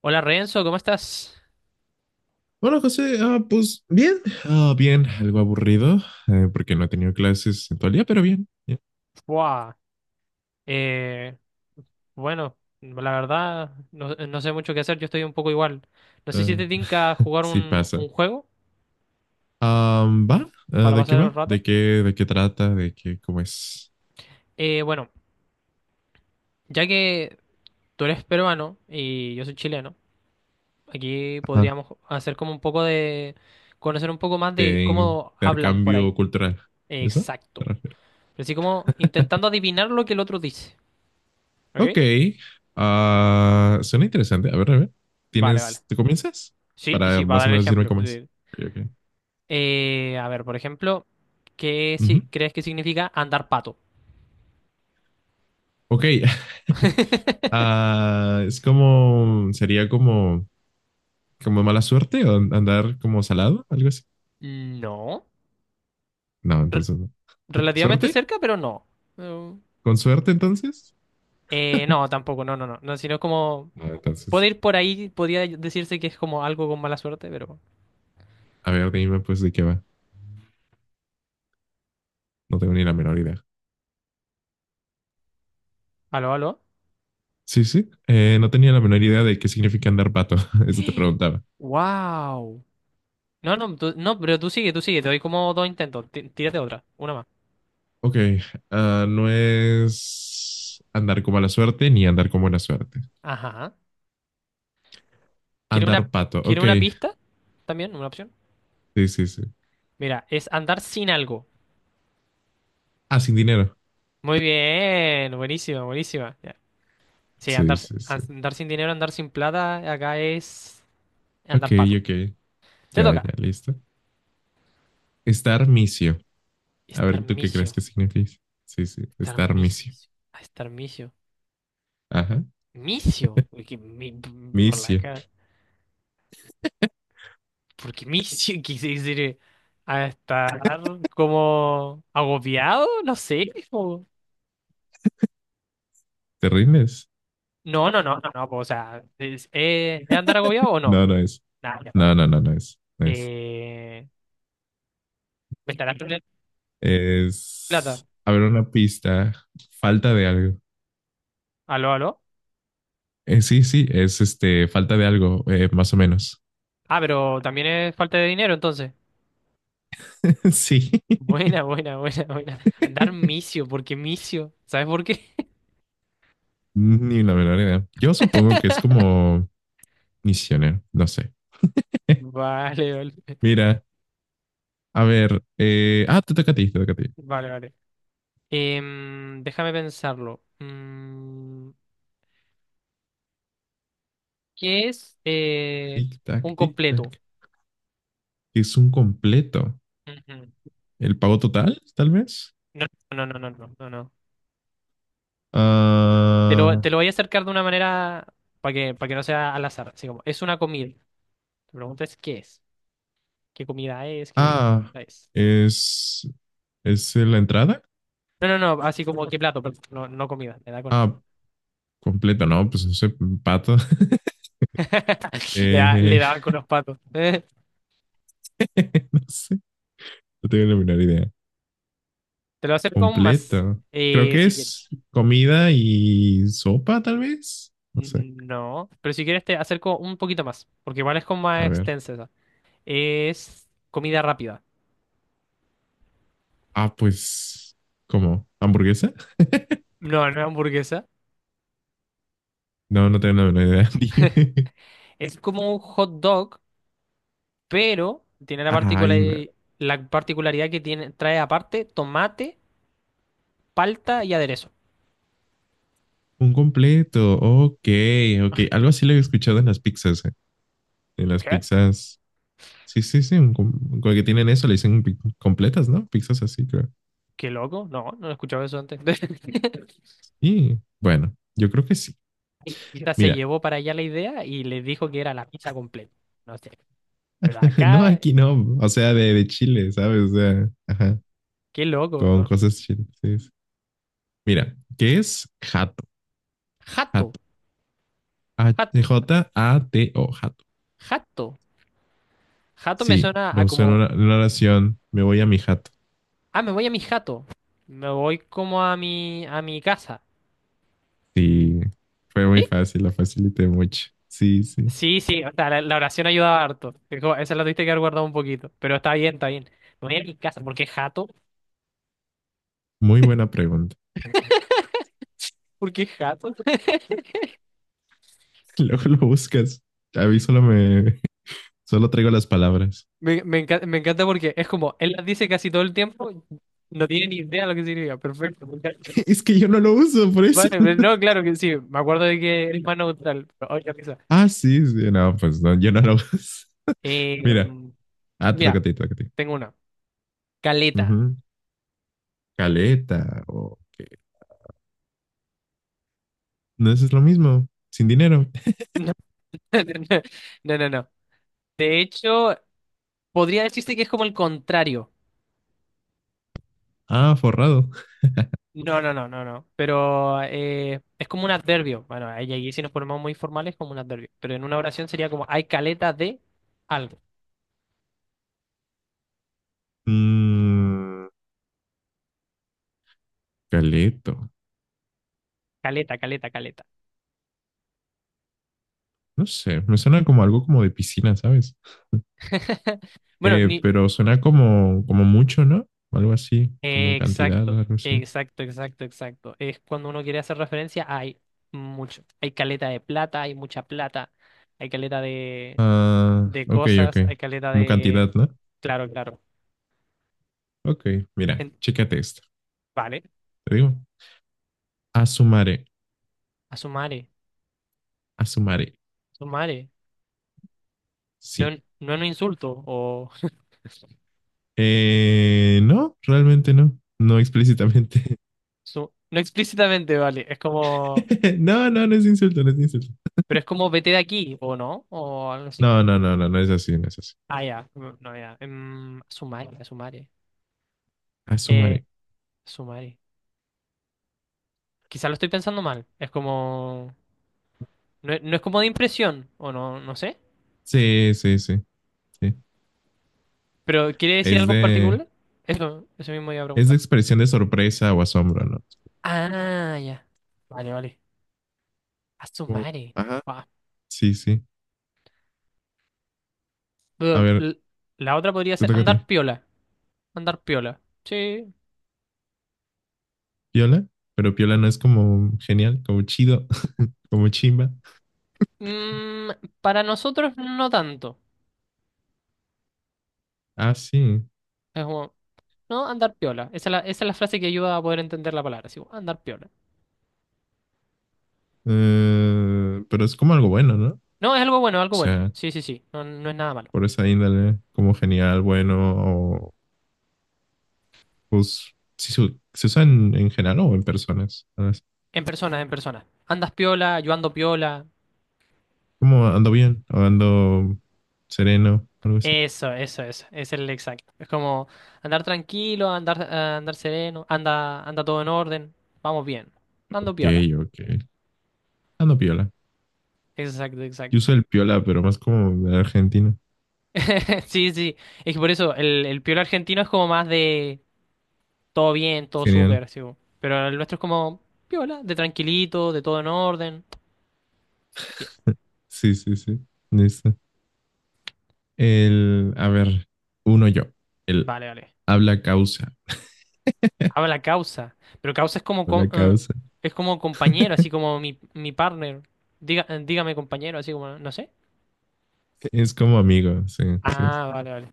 Hola Renzo, ¿cómo estás? Hola José, pues bien, bien, algo aburrido porque no he tenido clases en todo el día, pero bien, bien. Buah. Eh, bueno, la verdad, no sé mucho qué hacer, yo estoy un poco igual. No sé si Ah, te tinca jugar sí pasa. un juego Ah, ¿va? Ah, para ¿de qué pasar el va? rato. De qué trata? ¿De qué, cómo es? Bueno, ya que tú eres peruano y yo soy chileno, aquí Ajá. podríamos hacer como un poco de... conocer un poco más de De cómo hablan por ahí. intercambio cultural. ¿Eso? ¿Te Exacto. refieres? Así como intentando adivinar lo que el otro dice. ¿Ok? Ok, suena interesante. A ver, a ver. Vale, vale. ¿Tienes, te comienzas? Sí, Para sí, para más dar o el menos decirme ejemplo, cómo es. sí. Ok, ok. A ver, por ejemplo, ¿qué si Ujú. crees que significa andar pato? Ok, Ah, es como, sería como... como mala suerte o andar como salado, algo así. No. No, Re- entonces no. Relativamente ¿Suerte? cerca, pero no. No. ¿Con suerte entonces? No, tampoco, no, no, no. No, sino como... No, Puede entonces, ir por ahí, podría decirse que es como algo con mala suerte, pero... a ver, dime pues de qué va. No tengo ni la menor idea. ¿Aló, aló? Sí, sí. No tenía la menor idea de qué significa andar pato. Eso te preguntaba. Wow. No, no, no, pero tú sigue, tú sigue. Te doy como dos intentos. Tírate otra, una más. Ok, no es andar con mala suerte ni andar con buena suerte. Ajá. ¿Quiere una, Andar pato, quiere ok. una pista? También, una opción. Sí, sí, sí. Mira, es andar sin algo. Ah, sin dinero. Muy bien, buenísima, buenísima. Sí, Sí, sí, sí. andar sin dinero, andar sin plata, acá es Ok, andar pato. ok. Te Ya, toca. ya, listo. Estar misio. A Estar ver, ¿tú qué crees misio. que significa? Sí, sí, Estar estar misio. misio. Estar misio. Ajá. ¿Misio? Uy, que por la Micio. cara. Porque misio quise decir a estar como agobiado, no sé. o- ¿Te rindes? No, no, no, no, no. O sea, ¿es andar agobiado o no? No, no es. Nada, ya para. No, no, no, no es. No es. Eh, ¿Me estarás perdiendo plata? Es. A ver, una pista. Falta de algo. ¿Aló, aló? Sí, sí, es este. Falta de algo, más o menos. Ah, pero también es falta de dinero entonces. Sí. Buena, buena, buena, buena. Andar misio, porque misio. ¿Sabes por qué? Ni la menor idea. Yo supongo que es como misionero. No sé. Vale, vale. Mira, a ver. Te toca a ti, te toca a ti. Vale, vale. Déjame pensarlo. Mm, ¿qué es Tic tac, un tic completo? tac. Es un completo. Ujú. El pago total, tal vez. No, no, no, no, no, no, no. Ah. Te lo voy a acercar de una manera para que no sea al azar. Así como, es una comida. Te preguntas qué es, qué comida es, qué Ah, es. es, es la entrada. No, no, no, así como qué plato, pero no, no comida. Me da Ah, con... completa, no, pues no sé, pato. Le, le Eh, daban con los patos. No sé, no tengo la menor idea. Te lo acerco aún más. Completa. Creo que Si quieres. es comida y sopa, tal vez. No sé. Mm, no, pero si quieres te acerco un poquito más, porque igual es como más A ver. extensa esa. Es comida rápida. Ah, pues, ¿cómo? ¿Hamburguesa? No, no es hamburguesa. No, no tengo la menor idea. Dime. Es como un hot dog, pero tiene la Ay, no. La particularidad que tiene, trae aparte tomate, palta y aderezo. Un completo. Ok, ok. Algo así lo he escuchado en las pizzas, eh. En las ¿Qué? pizzas. Sí, sí, sí, un com- con el que tienen eso le dicen pi- completas, ¿no? Pizzas así, creo. ¿Qué loco? No, no he escuchado eso antes. Y bueno, yo creo que sí. Quizás se Mira, llevó para allá la idea y les dijo que era la pizza completa. No sé. Pero no acá... aquí no, o sea, de Chile, ¿sabes? O sea, ajá, Qué loco, con ¿no? cosas chiles. Sí, sí. Mira, ¿qué es jato? Jato, Jato. A- jato, J-A-T-O, jato. jato. Jato me Sí, suena lo a usé en como, en una oración, me voy a mi jato. ah, me voy a mi jato. Me voy como a mi casa. Sí, fue muy ¿Sí? fácil, la facilité mucho. Sí, sí, Sí, sí, o sea, la oración ayudaba harto. Es como... Esa la tuviste que haber guardado un poquito. Pero está bien, está bien. Me voy a mi casa. ¿Por qué jato? muy buena pregunta. ¿Por qué jato? Luego lo buscas. A mí solo me, solo traigo las palabras. Me encanta, me encanta porque es como, él las dice casi todo el tiempo, no tiene ni idea lo que significa. Perfecto, me encanta. Es que yo no lo uso, por eso. Vale, pero no, claro que sí. Me acuerdo de que eres más neutral. Pero, oye, qué sí, sí, no, pues no, yo no lo uso. risa. Mira, te toca Mira, ti, toca ti. tengo una. Caleta. Ujú. Caleta, o qué. No, eso es lo mismo, sin dinero. No, no, no, no. De hecho, podría decirse que es como el contrario. Ah, forrado. No, no, no, no, no. Pero es como un adverbio. Bueno, ahí, ahí si nos ponemos muy formales, como un adverbio. Pero en una oración sería como hay caleta de algo. Mm, caleto, Caleta, caleta, caleta. no sé, me suena como algo como de piscina, ¿sabes? Bueno, ni... pero suena como, como mucho, ¿no? Algo así, como cantidad, Exacto, algo así. exacto, exacto, exacto. Es cuando uno quiere hacer referencia, hay mucho. Hay caleta de plata, hay mucha plata, hay caleta Ah, de ok, ok. cosas, hay caleta Como cantidad, de... ¿no? Claro, claro. Ok, mira, En... chécate esto. Vale, Te digo, asumaré, a su madre, asumaré. a su madre. No, Sí. no es un insulto, o... No, realmente no. No explícitamente. su... No explícitamente, vale. Es como... No, no, no es insulto, no es insulto. Pero es como vete de aquí, ¿o no? O algo así. No, no, no, no, no es así, no es así. Ah, ya. Mm, no, ya. A su madre, a su madre. Ah, su Eh, madre. a su madre. Quizá lo estoy pensando mal. Es como... No, es no es como de impresión, o no, no sé. Sí, sí, sí, sí. Pero ¿quiere decir Es algo en de, particular? Eso mismo iba a es de preguntar. expresión de sorpresa o asombro, ¿no? Ah, ya. Vale, vale. A su Como, madre. ajá, sí, sí. A Pero ver, la otra podría te ser toca a ti. andar piola. Andar piola. Sí. Piola, pero piola no es como genial, como chido, como chimba. Mm, para nosotros no tanto. Ah, sí. Es como, no, andar piola. Esa es la frase que ayuda a poder entender la palabra. Así como, andar piola. Pero es como algo bueno, ¿no? O No, es algo bueno, algo bueno. sea, Sí, sí, sí. No, no es nada malo. por esa índole, como genial, bueno pues sí se usa en general o en personas. ¿Sabes? En persona, en persona. Andas piola, yo ando piola. Como ando bien o ando sereno, algo así. Eso, eso, eso. Es el exacto. Es como andar tranquilo, andar, andar sereno, anda, anda todo en orden. Vamos bien. Ando Ok, piola. ok. Ando piola. Exacto, Yo exacto. uso el piola, pero más como de Argentina. Sí, sí. Es que por eso el piola argentino es como más de todo bien, todo Genial. súper, sí. Bo. Pero el nuestro es como piola, de tranquilito, de todo en orden. Bien, Sí, sí, sí. Listo. El, a ver, uno yo. El vale, vale. habla causa. Habla causa. Pero causa es como Habla causa. es como compañero, así como mi partner. Diga, dígame compañero, así como, no sé. Es como amigo. Sí, sí. Ah, vale, vale.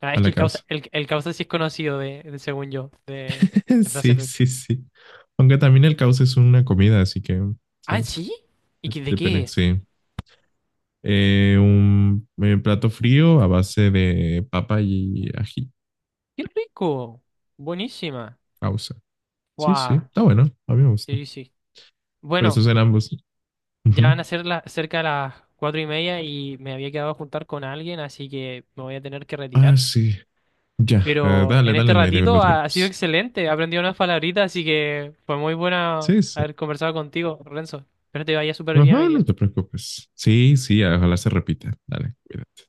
Ah, es que Habla el causa, causa. El causa sí es conocido de... según yo, de frases. Sí, Fe... sí, sí. Aunque también el causa es una comida, así que, Ah, ¿sabes? ¿sí? ¿Y qué, de qué Depende, es? sí. Un plato frío a base de papa y ají, ¡Qué rico! Buenísima. causa. Sí, sí, ¡Guau! está bueno, a mí me gusta. Sí, sí. Pero Bueno, esos eran ambos. ya van a Ujú. ser las cerca de las 4:30 y me había quedado a juntar con alguien, así que me voy a tener que retirar. Ah, sí, ya, Pero dale, en este dale, no, no ratito te ha, ha sido preocupes. excelente, he aprendido unas palabritas, así que fue muy buena Sí, sí. haber conversado contigo, Renzo. Espero te vaya súper bien hoy Ajá, no te día. preocupes. Sí, sí, ojalá se repita. Dale, cuídate.